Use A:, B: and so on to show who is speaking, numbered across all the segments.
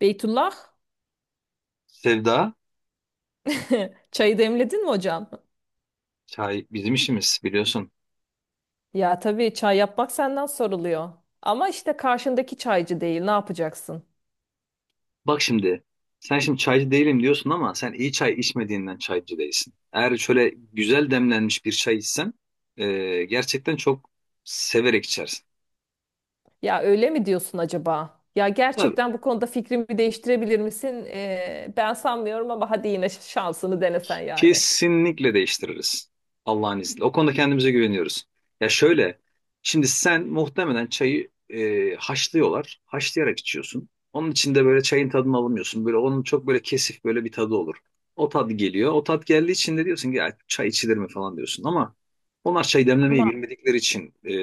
A: Beytullah,
B: Sevda,
A: çayı demledin mi hocam?
B: çay bizim işimiz biliyorsun.
A: Ya tabii çay yapmak senden soruluyor. Ama işte karşındaki çaycı değil, ne yapacaksın?
B: Bak şimdi, sen şimdi çaycı değilim diyorsun ama sen iyi çay içmediğinden çaycı değilsin. Eğer şöyle güzel demlenmiş bir çay içsen, gerçekten çok severek içersin.
A: Ya öyle mi diyorsun acaba? Ya
B: Tabii,
A: gerçekten bu konuda fikrimi değiştirebilir misin? Ben sanmıyorum ama hadi yine şansını denesen yani.
B: kesinlikle değiştiririz. Allah'ın izniyle. O konuda kendimize güveniyoruz. Ya şöyle, şimdi sen muhtemelen çayı haşlıyorlar. Haşlayarak içiyorsun. Onun içinde böyle çayın tadını alamıyorsun. Böyle onun çok böyle kesif böyle bir tadı olur. O tat geliyor. O tat geldiği için de diyorsun ki ya çay içilir mi falan diyorsun. Ama onlar çay demlemeyi
A: Ama.
B: bilmedikleri için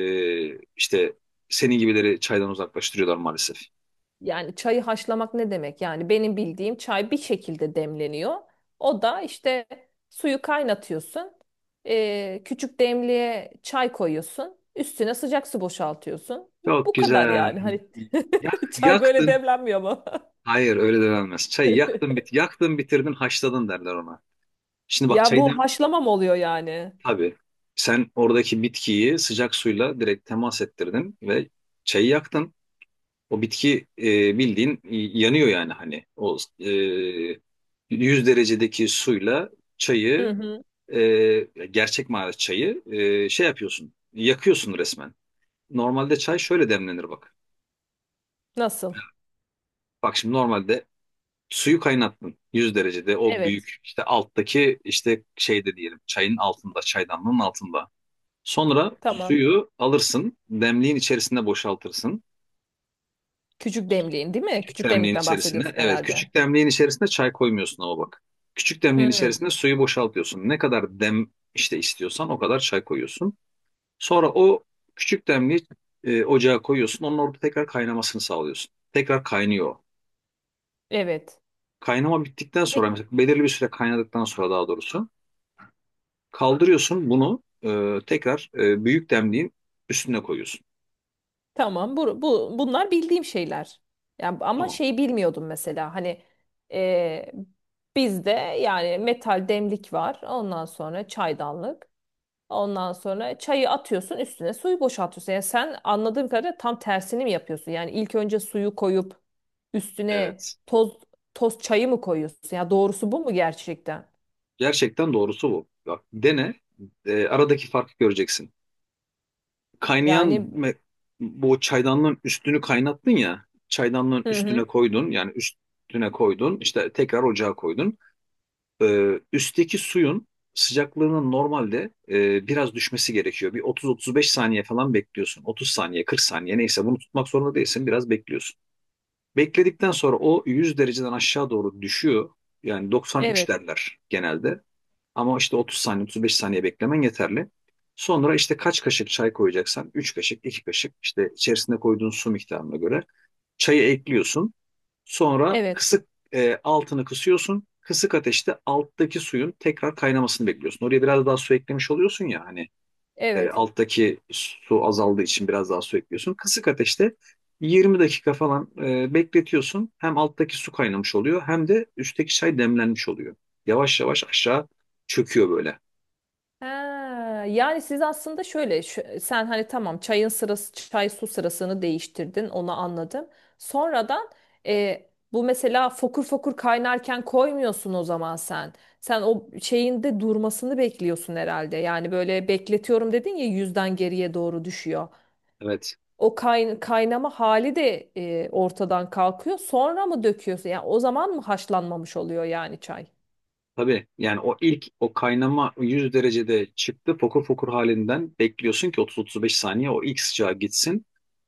B: işte senin gibileri çaydan uzaklaştırıyorlar maalesef.
A: Yani çayı haşlamak ne demek? Yani benim bildiğim çay bir şekilde demleniyor. O da işte suyu kaynatıyorsun. Küçük demliğe çay koyuyorsun. Üstüne sıcak su boşaltıyorsun.
B: Çok
A: Bu kadar
B: güzel.
A: yani. Hani çay böyle
B: Yaktın.
A: demlenmiyor ama.
B: Hayır öyle denilmez. Çayı yaktın yaktın bitirdin haşladın derler ona. Şimdi bak
A: Ya bu
B: çaydan
A: haşlama mı oluyor yani?
B: tabii sen oradaki bitkiyi sıcak suyla direkt temas ettirdin ve çayı yaktın. O bitki bildiğin yanıyor yani hani o 100 derecedeki suyla
A: Hı
B: çayı
A: hı.
B: gerçek manada çayı şey yapıyorsun yakıyorsun resmen. Normalde çay şöyle demlenir bak.
A: Nasıl?
B: Bak şimdi normalde suyu kaynattın 100 derecede o
A: Evet.
B: büyük işte alttaki işte şeyde diyelim çayın altında çaydanlığın altında. Sonra
A: Tamam.
B: suyu alırsın demliğin içerisine boşaltırsın.
A: Küçük demliğin değil mi?
B: Küçük
A: Küçük
B: demliğin
A: demlikten
B: içerisine
A: bahsediyorsun
B: evet
A: herhalde.
B: küçük demliğin içerisine çay koymuyorsun ama bak. Küçük demliğin içerisine
A: Hmm,
B: suyu boşaltıyorsun. Ne kadar işte istiyorsan o kadar çay koyuyorsun. Sonra o küçük demliği ocağa koyuyorsun. Onun orada tekrar kaynamasını sağlıyorsun. Tekrar kaynıyor.
A: evet.
B: Kaynama bittikten sonra
A: Peki,
B: mesela belirli bir süre kaynadıktan sonra daha doğrusu kaldırıyorsun bunu tekrar büyük demliğin üstüne koyuyorsun.
A: tamam. Bunlar bildiğim şeyler. Yani, ama
B: Tamam.
A: şey bilmiyordum mesela. Hani e, bizde yani metal demlik var. Ondan sonra çaydanlık. Ondan sonra çayı atıyorsun, üstüne suyu boşaltıyorsun. Yani sen anladığım kadarıyla tam tersini mi yapıyorsun? Yani ilk önce suyu koyup üstüne
B: Evet.
A: toz çayı mı koyuyorsun? Ya doğrusu bu mu gerçekten?
B: Gerçekten doğrusu bu. Bak dene. Aradaki farkı göreceksin. Kaynayan
A: Yani
B: me- Bu çaydanlığın üstünü kaynattın ya. Çaydanlığın
A: hı
B: üstüne
A: hı.
B: koydun. Yani üstüne koydun. İşte tekrar ocağa koydun. Üstteki suyun sıcaklığının normalde biraz düşmesi gerekiyor. Bir 30-35 saniye falan bekliyorsun. 30 saniye, 40 saniye neyse bunu tutmak zorunda değilsin. Biraz bekliyorsun. Bekledikten sonra o 100 dereceden aşağı doğru düşüyor. Yani 93
A: Evet.
B: derler genelde. Ama işte 30 saniye, 35 saniye beklemen yeterli. Sonra işte kaç kaşık çay koyacaksan 3 kaşık, 2 kaşık işte içerisine koyduğun su miktarına göre çayı ekliyorsun. Sonra
A: Evet,
B: altını kısıyorsun. Kısık ateşte alttaki suyun tekrar kaynamasını bekliyorsun. Oraya biraz daha su eklemiş oluyorsun ya hani
A: evet.
B: alttaki su azaldığı için biraz daha su ekliyorsun. Kısık ateşte 20 dakika falan bekletiyorsun. Hem alttaki su kaynamış oluyor hem de üstteki çay demlenmiş oluyor. Yavaş yavaş aşağı çöküyor böyle.
A: Ha, yani siz aslında şöyle, sen hani tamam çayın sırası, çay su sırasını değiştirdin, onu anladım. Sonradan e, bu mesela fokur fokur kaynarken koymuyorsun o zaman sen. Sen o şeyin de durmasını bekliyorsun herhalde. Yani böyle bekletiyorum dedin ya, yüzden geriye doğru düşüyor.
B: Evet.
A: O kaynama hali de ortadan kalkıyor. Sonra mı döküyorsun? Yani o zaman mı haşlanmamış oluyor yani çay?
B: Tabii yani o ilk o kaynama 100 derecede çıktı fokur fokur halinden bekliyorsun ki 30-35 saniye o ilk sıcağı gitsin.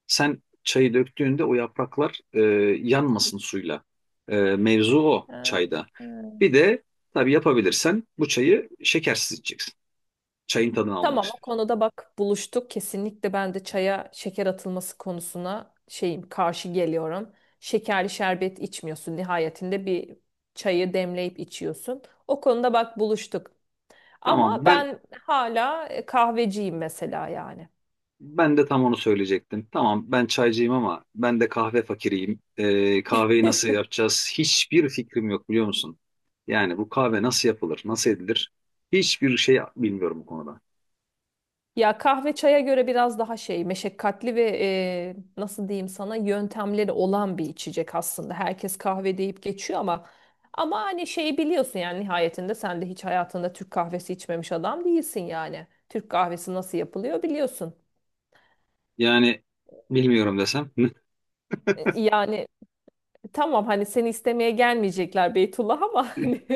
B: Sen çayı döktüğünde o yapraklar yanmasın suyla. Mevzu o
A: Ha,
B: çayda.
A: ha.
B: Bir de tabii yapabilirsen bu çayı şekersiz içeceksin. Çayın tadını almak
A: Tamam, o
B: istiyorsun.
A: konuda bak buluştuk. Kesinlikle ben de çaya şeker atılması konusuna şeyim, karşı geliyorum. Şekerli şerbet içmiyorsun. Nihayetinde bir çayı demleyip içiyorsun. O konuda bak buluştuk. Ama
B: Tamam ben
A: ben hala kahveciyim mesela yani.
B: Ben de tam onu söyleyecektim. Tamam ben çaycıyım ama ben de kahve fakiriyim. Kahveyi nasıl yapacağız? Hiçbir fikrim yok biliyor musun? Yani bu kahve nasıl yapılır, nasıl edilir? Hiçbir şey bilmiyorum bu konuda.
A: Ya kahve çaya göre biraz daha şey meşakkatli ve nasıl diyeyim sana, yöntemleri olan bir içecek aslında. Herkes kahve deyip geçiyor ama hani şey biliyorsun yani, nihayetinde sen de hiç hayatında Türk kahvesi içmemiş adam değilsin yani. Türk kahvesi nasıl yapılıyor biliyorsun.
B: Yani bilmiyorum desem.
A: Yani tamam, hani seni istemeye gelmeyecekler Beytullah ama hani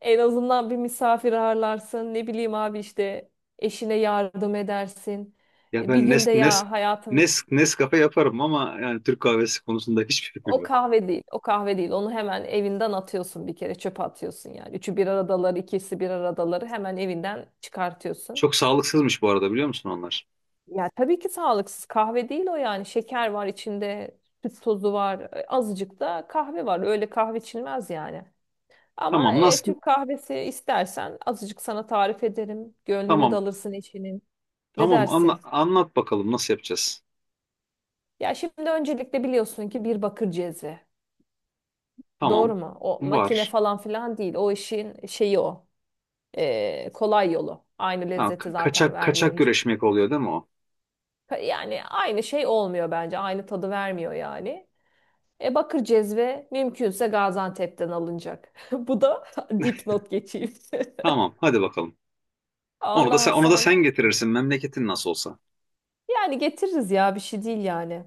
A: en azından bir misafir ağırlarsın, ne bileyim abi, işte eşine yardım edersin.
B: Ya
A: Bir
B: ben
A: günde ya hayatım.
B: Nescafe yaparım ama yani Türk kahvesi konusunda hiçbir fikrim
A: O
B: yok.
A: kahve değil. O kahve değil. Onu hemen evinden atıyorsun bir kere. Çöpe atıyorsun yani. Üçü bir aradaları, ikisi bir aradaları hemen evinden çıkartıyorsun.
B: Çok sağlıksızmış bu arada biliyor musun onlar?
A: Ya tabii ki sağlıksız. Kahve değil o yani. Şeker var içinde, süt tozu var, azıcık da kahve var. Öyle kahve içilmez yani. Ama
B: Tamam nasıl?
A: Türk kahvesi istersen azıcık sana tarif ederim. Gönlünü de
B: Tamam.
A: alırsın eşinin. Ne
B: Tamam
A: dersin?
B: anlat bakalım nasıl yapacağız?
A: Ya şimdi öncelikle biliyorsun ki bir bakır cezve. Doğru
B: Tamam.
A: mu? O makine
B: Var.
A: falan filan değil. O işin şeyi o. Kolay yolu. Aynı
B: Ha,
A: lezzeti zaten
B: kaçak
A: vermiyor
B: kaçak
A: hiçbir şey.
B: güreşmek oluyor değil mi o?
A: Yani aynı şey olmuyor bence. Aynı tadı vermiyor yani. Bakır cezve mümkünse Gaziantep'ten alınacak. Bu da dipnot geçeyim.
B: Tamam, hadi bakalım. Onu da
A: Ondan
B: sen onu da sen
A: sonra
B: getirirsin memleketin nasıl olsa.
A: yani getiririz ya, bir şey değil yani.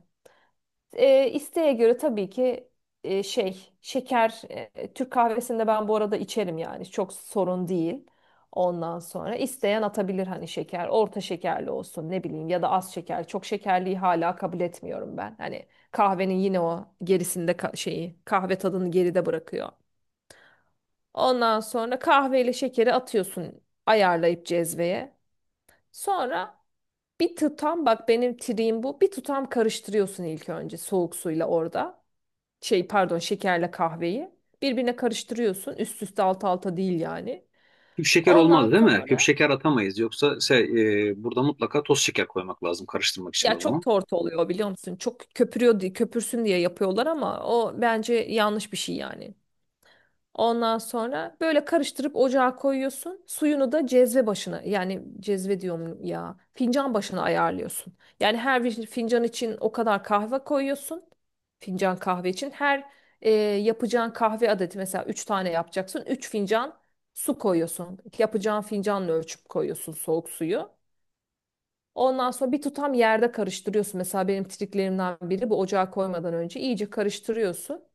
A: İsteğe göre tabii ki şeker, Türk kahvesinde ben bu arada içerim yani, çok sorun değil. Ondan sonra isteyen atabilir hani, şeker orta şekerli olsun, ne bileyim ya da az şeker, çok şekerliyi hala kabul etmiyorum ben. Hani kahvenin yine o gerisinde şeyi kahve tadını geride bırakıyor. Ondan sonra kahveyle şekeri atıyorsun ayarlayıp cezveye. Sonra bir tutam, bak benim triğim bu, bir tutam karıştırıyorsun ilk önce soğuk suyla orada, şey pardon şekerle kahveyi birbirine karıştırıyorsun. Üst üste alt alta değil yani.
B: Küp şeker
A: Ondan
B: olmaz değil mi? Küp
A: sonra
B: şeker atamayız. Yoksa burada mutlaka toz şeker koymak lazım karıştırmak için
A: ya
B: o
A: çok
B: zaman.
A: tortu oluyor biliyor musun? Çok köpürüyor diye, köpürsün diye yapıyorlar ama o bence yanlış bir şey yani. Ondan sonra böyle karıştırıp ocağa koyuyorsun. Suyunu da cezve başına, yani cezve diyorum ya, fincan başına ayarlıyorsun. Yani her bir fincan için o kadar kahve koyuyorsun. Fincan kahve için her yapacağın kahve adeti, mesela 3 tane yapacaksın. 3 fincan su koyuyorsun. Yapacağın fincanla ölçüp koyuyorsun soğuk suyu. Ondan sonra bir tutam yerde karıştırıyorsun. Mesela benim triklerimden biri bu, ocağa koymadan önce iyice karıştırıyorsun.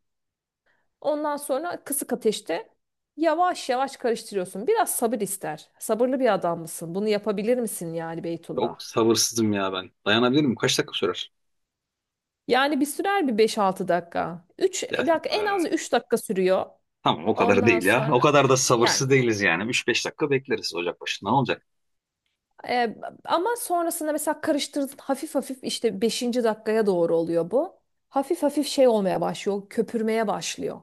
A: Ondan sonra kısık ateşte yavaş yavaş karıştırıyorsun. Biraz sabır ister. Sabırlı bir adam mısın? Bunu yapabilir misin yani
B: Çok
A: Beytullah?
B: sabırsızım ya ben. Dayanabilir miyim? Kaç dakika sürer?
A: Yani bir sürer bir 5-6 dakika. 3
B: Ya,
A: bak,
B: e,
A: en az 3 dakika sürüyor.
B: tamam o kadar
A: Ondan
B: değil ya. O
A: sonra
B: kadar da
A: yani
B: sabırsız değiliz yani. Üç beş dakika bekleriz ocak başında. Ne olacak?
A: Ee, ama sonrasında mesela karıştırdın hafif hafif, işte 5. dakikaya doğru oluyor bu. Hafif hafif şey olmaya başlıyor, köpürmeye başlıyor.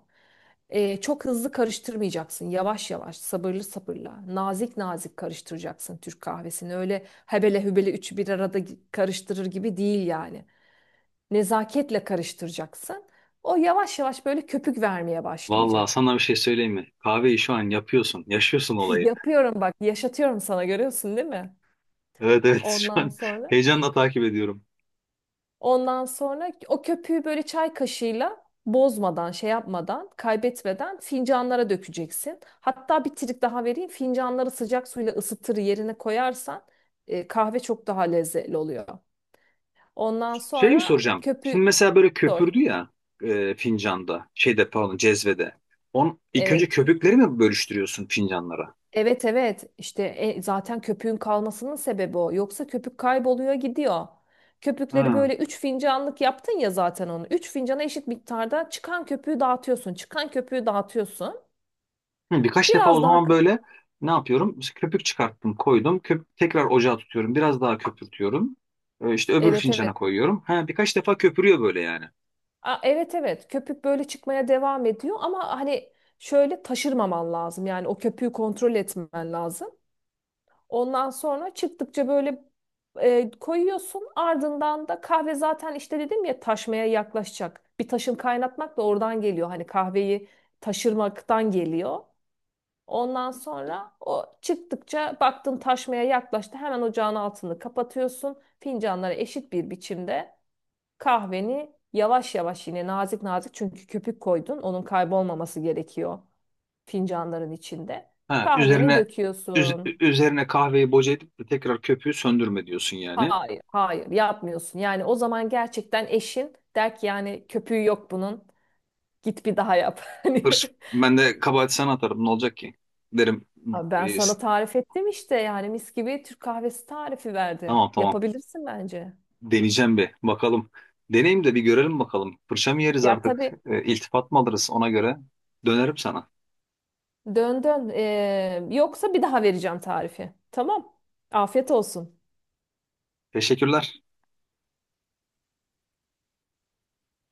A: Çok hızlı karıştırmayacaksın. Yavaş yavaş, sabırlı sabırla, nazik nazik karıştıracaksın Türk kahvesini. Öyle hebele hübele üçü bir arada karıştırır gibi değil yani. Nezaketle karıştıracaksın. O yavaş yavaş böyle köpük vermeye
B: Vallahi
A: başlayacak.
B: sana bir şey söyleyeyim mi? Kahveyi şu an yapıyorsun. Yaşıyorsun olayı.
A: Yapıyorum bak, yaşatıyorum sana, görüyorsun değil mi?
B: Evet evet şu
A: Ondan
B: an
A: sonra.
B: heyecanla takip ediyorum.
A: Ondan sonra o köpüğü böyle çay kaşığıyla bozmadan, şey yapmadan, kaybetmeden fincanlara dökeceksin. Hatta bir trik daha vereyim. Fincanları sıcak suyla ısıtır yerine koyarsan kahve çok daha lezzetli oluyor. Ondan
B: Şey
A: sonra
B: soracağım. Şimdi
A: köpüğü
B: mesela böyle
A: sor.
B: köpürdü ya fincanda, şeyde pardon cezvede. İlk
A: Evet.
B: önce köpükleri mi bölüştürüyorsun fincanlara?
A: Evet evet, işte zaten köpüğün kalmasının sebebi o. Yoksa köpük kayboluyor gidiyor. Köpükleri
B: Ha.
A: böyle 3 fincanlık yaptın ya zaten onu. 3 fincana eşit miktarda çıkan köpüğü dağıtıyorsun. Çıkan köpüğü dağıtıyorsun.
B: Hı, birkaç defa o
A: Biraz daha
B: zaman böyle ne yapıyorum? İşte köpük çıkarttım, koydum. Tekrar ocağa tutuyorum. Biraz daha köpürtüyorum. İşte öbür
A: evet
B: fincana
A: evet.
B: koyuyorum. Ha, birkaç defa köpürüyor böyle yani.
A: A, evet evet. Köpük böyle çıkmaya devam ediyor ama hani şöyle taşırmaman lazım. Yani o köpüğü kontrol etmen lazım. Ondan sonra çıktıkça böyle koyuyorsun. Ardından da kahve zaten, işte dedim ya, taşmaya yaklaşacak. Bir taşın kaynatmak da oradan geliyor. Hani kahveyi taşırmaktan geliyor. Ondan sonra o çıktıkça baktın taşmaya yaklaştı. Hemen ocağın altını kapatıyorsun. Fincanları eşit bir biçimde. Kahveni yavaş yavaş yine nazik nazik, çünkü köpük koydun, onun kaybolmaması gerekiyor fincanların içinde.
B: Ha,
A: Kahveni
B: üzerine
A: döküyorsun.
B: üzerine kahveyi boca edip de tekrar köpüğü söndürme diyorsun yani.
A: Hayır, hayır yapmıyorsun. Yani o zaman gerçekten eşin der ki, yani köpüğü yok bunun. Git bir daha yap. Hani
B: Hırs, Ben de kabahati sana atarım. Ne olacak ki? Derim.
A: abi, ben
B: e, s-
A: sana tarif ettim işte yani, mis gibi Türk kahvesi tarifi verdim.
B: Tamam tamam.
A: Yapabilirsin bence.
B: Deneyeceğim bir bakalım. Deneyim de bir görelim bakalım. Fırça mı yeriz
A: Ya
B: artık?
A: tabii,
B: E, iltifat mı alırız ona göre? Dönerim sana.
A: dön dön. Yoksa bir daha vereceğim tarifi. Tamam. Afiyet olsun.
B: Teşekkürler.